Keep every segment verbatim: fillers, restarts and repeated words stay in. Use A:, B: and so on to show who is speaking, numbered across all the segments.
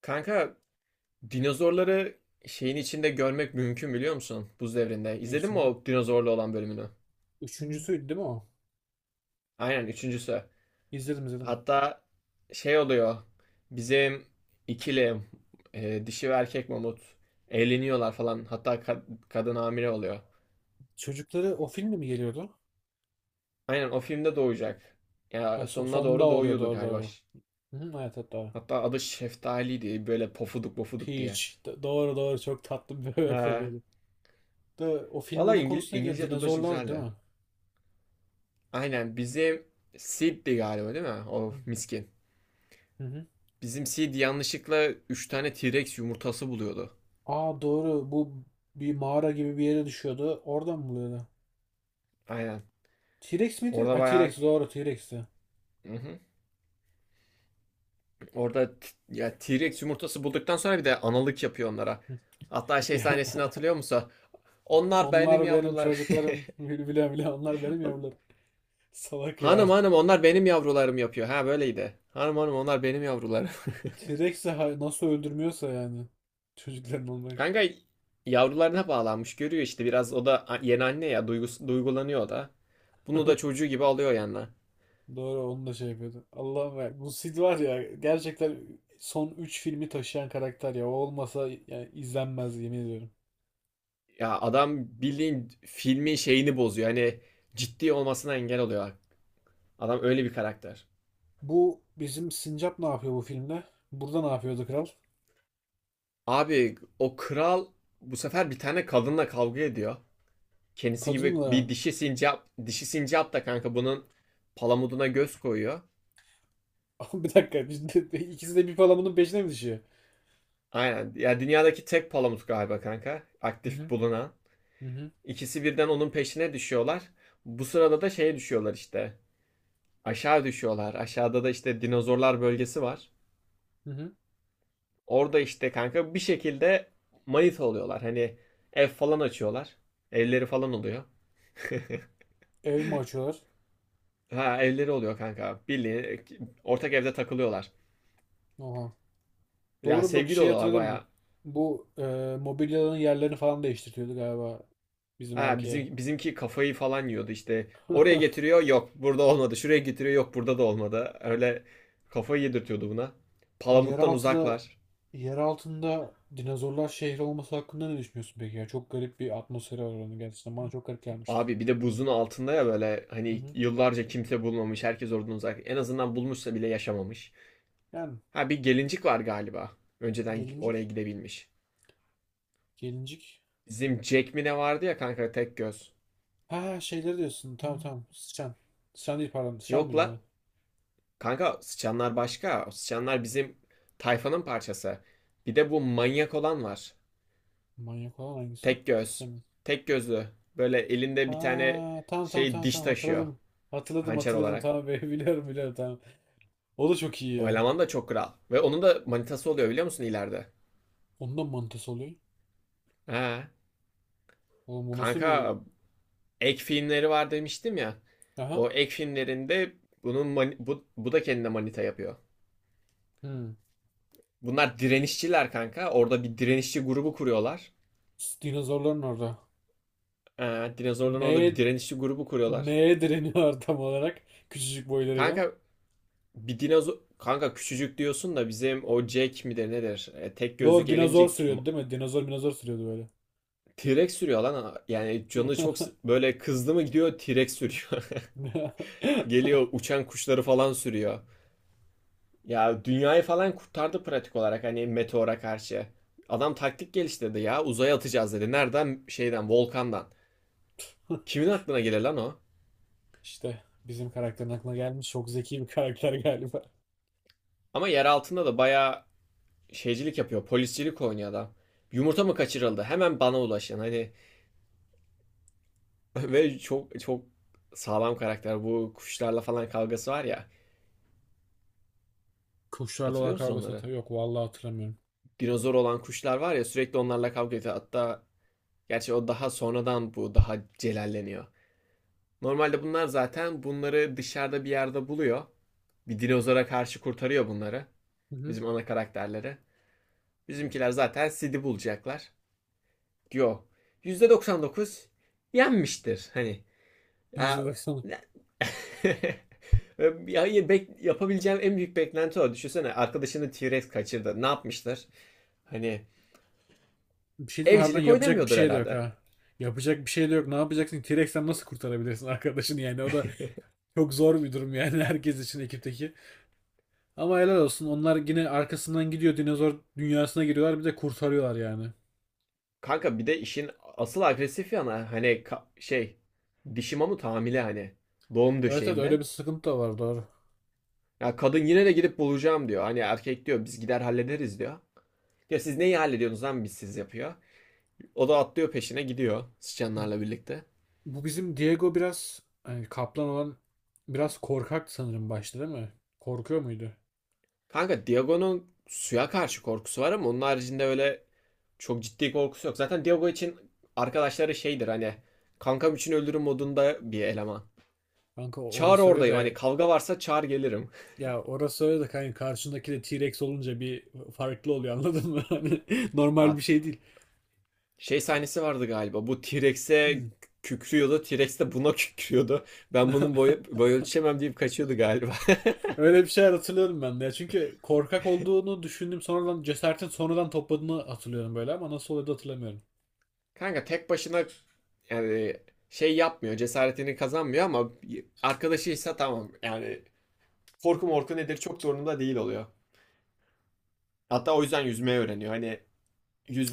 A: Kanka dinozorları şeyin içinde görmek mümkün biliyor musun? Buz devrinde.
B: Ne
A: İzledin mi
B: içinde?
A: o dinozorlu olan bölümünü?
B: Üçüncüsüydü değil mi o?
A: Aynen üçüncüsü.
B: İzledim, izledim.
A: Hatta şey oluyor. Bizim ikili e, dişi ve erkek mamut evleniyorlar falan. Hatta ka- kadın hamile oluyor.
B: Çocukları o filmde mi geliyordu?
A: Aynen o filmde doğacak.
B: Ha,
A: Ya
B: so-
A: sonuna
B: sonda
A: doğru
B: oluyor,
A: doğuyordu
B: doğru
A: galiba.
B: doğru. Hı hı, evet evet, doğru.
A: Hatta adı Şeftali'ydi. Böyle pofuduk pofuduk diye.
B: Peach. Do- doğru doğru, çok tatlı bir bebek
A: He.
B: oluyordu. Da, o filmin
A: Valla
B: ana
A: İngil-
B: konusu neydi ya?
A: İngilizce dublajı
B: Dinozorlar değil
A: güzeldi.
B: mi?
A: Aynen bizim Sid'di galiba değil mi? O miskin.
B: Hı hı.
A: Bizim Sid yanlışlıkla üç tane T-Rex yumurtası buluyordu.
B: Aa doğru, bu bir mağara gibi bir yere düşüyordu. Oradan mı buluyordu?
A: Aynen.
B: T-Rex miydi?
A: Orada
B: Ha,
A: bayağı.
B: T-Rex, doğru, T-Rex'ti.
A: Hı hı. Orada t- ya T-Rex yumurtası bulduktan sonra bir de analık yapıyor onlara. Hatta şey
B: Ya,
A: sahnesini hatırlıyor musun? Onlar benim
B: onlar benim
A: yavrular.
B: çocuklarım. Bile bile onlar benim yavrularım. Salak ya.
A: Hanım hanım onlar benim yavrularım yapıyor. Ha böyleydi. Hanım hanım onlar benim yavrularım.
B: T-Rex'i hay- nasıl öldürmüyorsa yani. Çocukların olmak.
A: Kanka yavrularına bağlanmış görüyor işte biraz o da a- yeni anne ya duygus duygulanıyor o da. Bunu da çocuğu gibi alıyor yanına.
B: Doğru, onu da şey yapıyordu. Allah'ım ya. Bu Sid var ya, gerçekten son üç filmi taşıyan karakter ya. O olmasa yani izlenmez, yemin ediyorum.
A: Ya adam bildiğin filmin şeyini bozuyor. Hani ciddi olmasına engel oluyor. Adam öyle bir karakter.
B: Bu bizim Sincap ne yapıyor bu filmde? Burada ne yapıyordu kral?
A: Abi o kral bu sefer bir tane kadınla kavga ediyor. Kendisi gibi bir
B: Kadınla.
A: dişi sincap, dişi sincap da kanka bunun palamuduna göz koyuyor.
B: Bir dakika, şimdi İkisi de bir palamının peşine mi düşüyor?
A: Aynen. Ya dünyadaki tek palamut galiba kanka.
B: Hı
A: Aktif
B: hı.
A: bulunan.
B: Hı hı.
A: İkisi birden onun peşine düşüyorlar. Bu sırada da şeye düşüyorlar işte. Aşağı düşüyorlar. Aşağıda da işte dinozorlar bölgesi var.
B: Hı hı.
A: Orada işte kanka bir şekilde manita oluyorlar. Hani ev falan açıyorlar. Evleri falan oluyor.
B: Ev mi açıyorlar?
A: Ha evleri oluyor kanka. Bildiğin ortak evde takılıyorlar.
B: Oha.
A: Ya
B: Doğru, bak
A: sevgili
B: şey
A: oluyorlar
B: hatırladım.
A: baya.
B: Bu e, mobilyaların yerlerini falan değiştiriyordu galiba bizim
A: Ha
B: erkeğe.
A: bizim bizimki kafayı falan yiyordu işte. Oraya getiriyor yok burada olmadı. Şuraya getiriyor yok burada da olmadı. Öyle kafayı yedirtiyordu buna.
B: Bu
A: Palamuttan
B: yeraltıda
A: uzaklar.
B: yer altında dinozorlar şehri olması hakkında ne düşünüyorsun peki ya? Çok garip bir atmosferi var onun gerçekten. Bana çok garip gelmişti.
A: Abi bir de buzun altında ya böyle
B: Hı
A: hani
B: hı.
A: yıllarca kimse bulmamış. Herkes oradan uzak. En azından bulmuşsa bile yaşamamış.
B: Yani
A: Ha bir gelincik var galiba. Önceden oraya
B: gelincik,
A: gidebilmiş.
B: gelincik.
A: Bizim Jack mi ne vardı ya kanka tek göz.
B: Ha, şeyleri diyorsun. Tamam tamam. Sıçan. Sıçan değil, pardon. Sıçan
A: Yok
B: mıydı
A: la.
B: o?
A: Kanka sıçanlar başka. O sıçanlar bizim tayfanın parçası. Bir de bu manyak olan var.
B: Manyak olan hangisi?
A: Tek göz.
B: Hatırlamıyorum.
A: Tek gözlü. Böyle elinde
B: Ha,
A: bir tane
B: tamam tamam
A: şey
B: tamam
A: diş
B: tamam,
A: taşıyor.
B: hatırladım. Hatırladım
A: Hançer
B: hatırladım,
A: olarak.
B: tamam be. Biliyorum biliyorum, tamam. O da çok iyi
A: O
B: ya.
A: eleman da çok kral. Ve onun da manitası oluyor biliyor musun ileride?
B: Ondan mantısı oluyor.
A: Ha.
B: Oğlum o nasıl bir...
A: Kanka ek filmleri var demiştim ya. O
B: Aha.
A: ek filmlerinde bunun mani- bu, bu da kendine manita yapıyor.
B: Hmm.
A: Bunlar direnişçiler kanka. Orada bir direnişçi grubu kuruyorlar.
B: S- Dinozorların orada.
A: Ee, dinozorların orada bir
B: Neye
A: direnişçi grubu kuruyorlar.
B: Neye direniyor tam olarak? Küçücük boylarıyla.
A: Kanka bir dinozor... Kanka küçücük diyorsun da bizim o Jack midir nedir? Ee, tek gözlü
B: Doğru, dinozor
A: gelincik.
B: sürüyordu
A: ma-
B: değil mi? Dinozor minozor sürüyordu böyle.
A: T-Rex sürüyor lan. Yani canı çok s- böyle kızdı mı gidiyor T-Rex sürüyor. Geliyor uçan kuşları falan sürüyor. Ya dünyayı falan kurtardı pratik olarak hani meteora karşı. Adam taktik geliştirdi ya uzaya atacağız dedi. Nereden? Şeyden volkandan. Kimin aklına gelir lan o?
B: İşte bizim karakterin aklına gelmiş. Çok zeki bir karakter galiba.
A: Ama yer altında da bayağı şeycilik yapıyor. Poliscilik oynuyor adam. Yumurta mı kaçırıldı? Hemen bana ulaşın. Hani ve çok çok sağlam karakter. Bu kuşlarla falan kavgası var ya.
B: Kuşlarla
A: Hatırlıyor
B: olan
A: musun
B: kavgası
A: onları?
B: hatırlıyor. Yok vallahi, hatırlamıyorum.
A: Dinozor olan kuşlar var ya sürekli onlarla kavga ediyor. Hatta gerçi o daha sonradan bu daha celalleniyor. Normalde bunlar zaten bunları dışarıda bir yerde buluyor. Bir dinozora karşı kurtarıyor bunları.
B: Hı hı.
A: Bizim ana karakterleri. Bizimkiler zaten Sid'i bulacaklar. Yo. Dokuz yenmiştir. Hani
B: İzle
A: ya,
B: baksana.
A: ya yapabileceğim en büyük beklenti o. Düşünsene arkadaşını T-Rex kaçırdı. Ne yapmışlar? Hani
B: Bir şey diyeyim mi? Harbiden
A: evcilik
B: yapacak bir
A: oynamıyordur
B: şey de yok
A: herhalde.
B: ha. Yapacak bir şey de yok. Ne yapacaksın? T-Rex'ten nasıl kurtarabilirsin arkadaşını yani? O da çok zor bir durum yani, herkes için ekipteki. Ama helal olsun. Onlar yine arkasından gidiyor. Dinozor dünyasına giriyorlar. Bir de kurtarıyorlar yani.
A: Kanka bir de işin asıl agresif yana hani şey dişi mamut hamile hani doğum
B: Evet evet, öyle
A: döşeğinde.
B: bir sıkıntı da var, doğru.
A: Ya kadın yine de gidip bulacağım diyor. Hani erkek diyor biz gider hallederiz diyor. Ya siz neyi hallediyorsunuz lan biz siz yapıyor. O da atlıyor peşine gidiyor sıçanlarla birlikte.
B: Bu bizim Diego biraz hani kaplan olan, biraz korkak sanırım başta değil mi? Korkuyor muydu?
A: Kanka Diago'nun suya karşı korkusu var ama onun haricinde öyle çok ciddi korkusu yok. Zaten Diago için arkadaşları şeydir hani kankam için öldürüm modunda bir eleman.
B: Kanka,
A: Çağır
B: orası öyle
A: oradayım hani
B: de
A: kavga varsa çağır gelirim.
B: ya, orası öyle de kanka, karşındaki de T-Rex olunca bir farklı oluyor, anladın mı? Hani normal bir
A: Ya,
B: şey değil.
A: şey sahnesi vardı galiba bu T-Rex'e kükrüyordu T-Rex de buna kükrüyordu. Ben bunun boyu, boy ölçemem deyip kaçıyordu galiba.
B: Öyle bir şeyler hatırlıyorum ben de ya. Çünkü korkak olduğunu düşündüm, sonradan cesaretin sonradan topladığını hatırlıyorum böyle, ama nasıl oluyordu hatırlamıyorum.
A: Kanka tek başına yani şey yapmıyor cesaretini kazanmıyor ama arkadaşıysa tamam yani korku morku nedir çok da umurunda değil oluyor. Hatta o yüzden yüzmeyi öğreniyor. Hani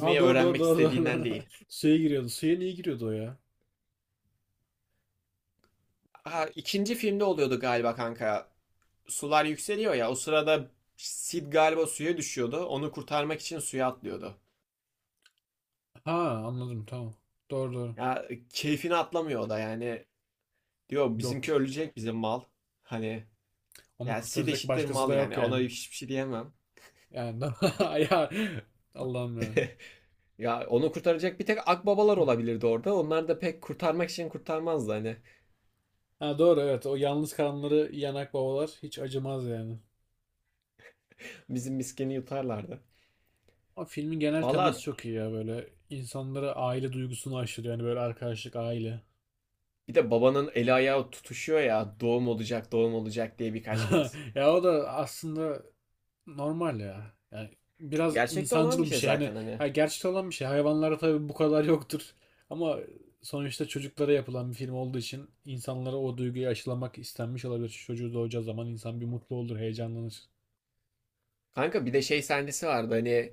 B: Aa doğru doğru
A: öğrenmek
B: doğru
A: istediğinden
B: doğru.
A: değil.
B: Suya giriyordu. Suya niye giriyordu o ya?
A: Ha, ikinci filmde oluyordu galiba kanka. Sular yükseliyor ya. O sırada Sid galiba suya düşüyordu. Onu kurtarmak için suya atlıyordu.
B: Ha, anladım, tamam. Doğru doğru.
A: Ya keyfini atlamıyor o da yani. Diyor
B: Yok.
A: bizimki ölecek bizim mal. Hani
B: Onu
A: ya Sid
B: kurtaracak
A: eşittir
B: başkası
A: mal
B: da yok
A: yani. Ona
B: yani.
A: hiçbir şey diyemem.
B: Yani ya, Allah'ım ya.
A: Ya onu kurtaracak bir tek akbabalar olabilirdi orada. Onlar da pek kurtarmak için kurtarmazdı hani.
B: Ha doğru, evet. O yalnız kalanları yanak babalar hiç acımaz yani.
A: Bizim miskini yutarlardı.
B: O filmin genel teması
A: Valla
B: çok iyi ya böyle. İnsanlara aile duygusunu aşılıyor. Yani böyle arkadaşlık, aile.
A: bir de babanın eli ayağı tutuşuyor ya doğum olacak doğum olacak diye birkaç kez.
B: Ya, o da aslında normal ya. Yani biraz
A: Gerçekte olan bir
B: insancıl bir
A: şey
B: şey. Hani
A: zaten hani.
B: ya, gerçekten olan bir şey. Hayvanlara tabii bu kadar yoktur. Ama sonuçta çocuklara yapılan bir film olduğu için insanlara o duyguyu aşılamak istenmiş olabilir. Çocuğu doğacağı zaman insan bir mutlu olur, heyecanlanır.
A: Kanka bir de şey sahnesi vardı hani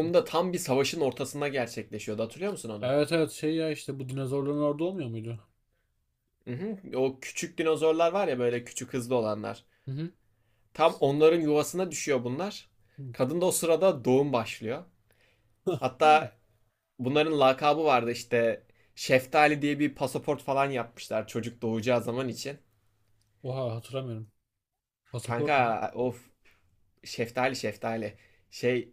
B: Hı.
A: tam bir savaşın ortasında gerçekleşiyordu hatırlıyor musun onu?
B: Evet evet, şey ya, işte bu dinozorların orada olmuyor muydu?
A: Hı hı. O küçük dinozorlar var ya böyle küçük hızlı olanlar.
B: Hı hı.
A: Tam onların yuvasına düşüyor bunlar.
B: Hı.
A: Kadın da o sırada doğum başlıyor. Hatta bunların lakabı vardı işte Şeftali diye bir pasaport falan yapmışlar çocuk doğacağı zaman için.
B: Oha, hatırlamıyorum. Pasaport mu?
A: Kanka of, Şeftali şeftali. Şey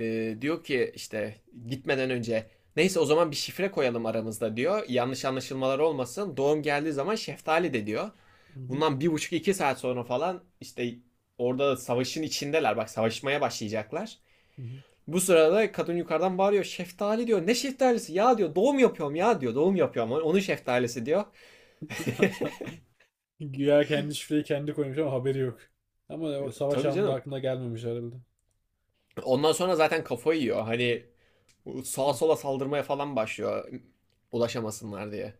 A: e, diyor ki işte gitmeden önce neyse o zaman bir şifre koyalım aramızda diyor. Yanlış anlaşılmalar olmasın. Doğum geldiği zaman şeftali de diyor.
B: Hı hı.
A: Bundan bir buçuk iki saat sonra falan işte orada savaşın içindeler. Bak savaşmaya başlayacaklar.
B: Hı hı.
A: Bu sırada kadın yukarıdan bağırıyor. Şeftali diyor. Ne şeftalisi? Ya diyor doğum yapıyorum ya diyor. Doğum yapıyorum. Onun şeftalisi diyor.
B: Güya kendi şifreyi kendi koymuş ama haberi yok. Ama o savaş
A: Tabii
B: anında
A: canım.
B: aklına gelmemiş herhalde.
A: Ondan sonra zaten kafayı yiyor. Hani sağa
B: Hı,
A: sola saldırmaya falan başlıyor ulaşamasınlar diye.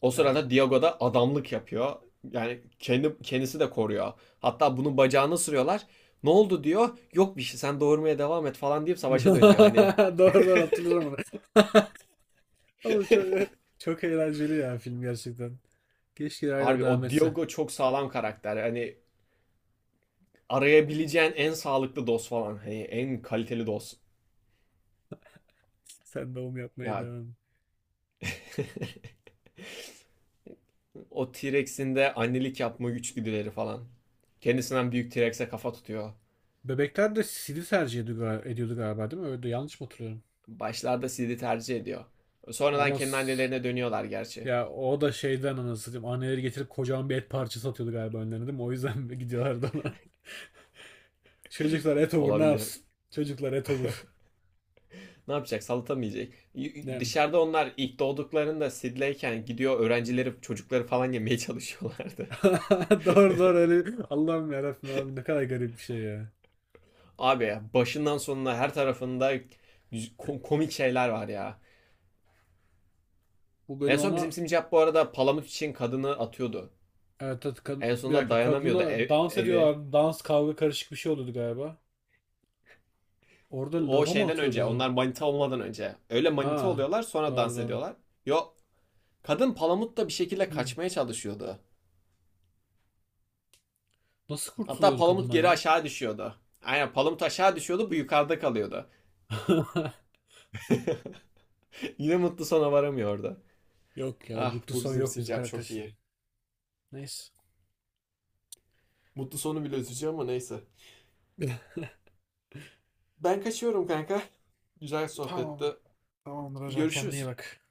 A: O sırada
B: ya.
A: Diego da adamlık yapıyor. Yani kendi kendisi de koruyor. Hatta bunun bacağını sürüyorlar. Ne oldu diyor. Yok bir şey sen doğurmaya devam et falan deyip savaşa dönüyor. Hani
B: Doğru doğru, hatırlıyorum onu. Oğlum çok, çok eğlenceli ya film, gerçekten. Keşke hala
A: harbi
B: devam
A: o
B: etse.
A: Diego çok sağlam karakter. Hani arayabileceğin en sağlıklı dost falan. Hani en kaliteli dost.
B: Sen doğum yapmaya
A: Ya
B: devam.
A: o T-Rex'in de annelik yapma güçgüdüleri falan. Kendisinden büyük T-Rex'e kafa tutuyor.
B: Bebekler de C D tercih ediyordu, gal- ediyordu galiba değil mi? Öyle yanlış mı hatırlıyorum?
A: Başlarda Sid'i tercih ediyor. Sonradan
B: Ama
A: kendi
B: s-
A: annelerine dönüyorlar gerçi.
B: ya, o da şeyden, anasını satayım. Anneleri getirip kocaman bir et parçası atıyordu galiba önlerine değil mi? O yüzden gidiyorlardı ona. Çocuklar et olur, ne
A: Olabilir.
B: yapsın? Çocuklar et olur.
A: Ne yapacak? Salata.
B: Nem.
A: Dışarıda onlar ilk doğduklarında sidleyken gidiyor öğrencileri, çocukları falan yemeye çalışıyorlardı.
B: Doğru doğru öyle. Allah'ım yarabbim, abi ne kadar garip bir şey ya.
A: Abi ya başından sonuna her tarafında komik şeyler var ya.
B: Bu
A: En
B: bölüm
A: son bizim
B: ama
A: Simcap bu arada palamut için kadını atıyordu.
B: evet, evet kad-
A: En
B: bir
A: sonunda
B: dakika,
A: dayanamıyordu
B: kadınla
A: ev-
B: dans
A: eve.
B: ediyorlar. Dans kavga karışık bir şey oluyordu galiba. Orada
A: O
B: lava mı
A: şeyden önce,
B: atıyordu?
A: onlar manita olmadan önce. Öyle
B: Ha
A: manita oluyorlar sonra
B: doğru
A: dans
B: doğru.
A: ediyorlar. Yo, kadın palamutla bir şekilde
B: Hmm.
A: kaçmaya çalışıyordu.
B: Nasıl
A: Hatta
B: kurtuluyordu
A: Palamut
B: kadından
A: geri
B: ya?
A: aşağı düşüyordu. Aynen Palamut aşağı düşüyordu bu yukarıda kalıyordu. Yine mutlu sona varamıyordu.
B: Yok ya,
A: Ah
B: mutlu
A: bu
B: son
A: bizim
B: yok bizim
A: sincap
B: karakter
A: çok iyi.
B: için. Neyse.
A: Mutlu sonu bile üzücü ama neyse. Ben kaçıyorum kanka. Güzel
B: Tamam.
A: sohbette.
B: Tamamdır hocam, kendine iyi
A: Görüşürüz.
B: bak.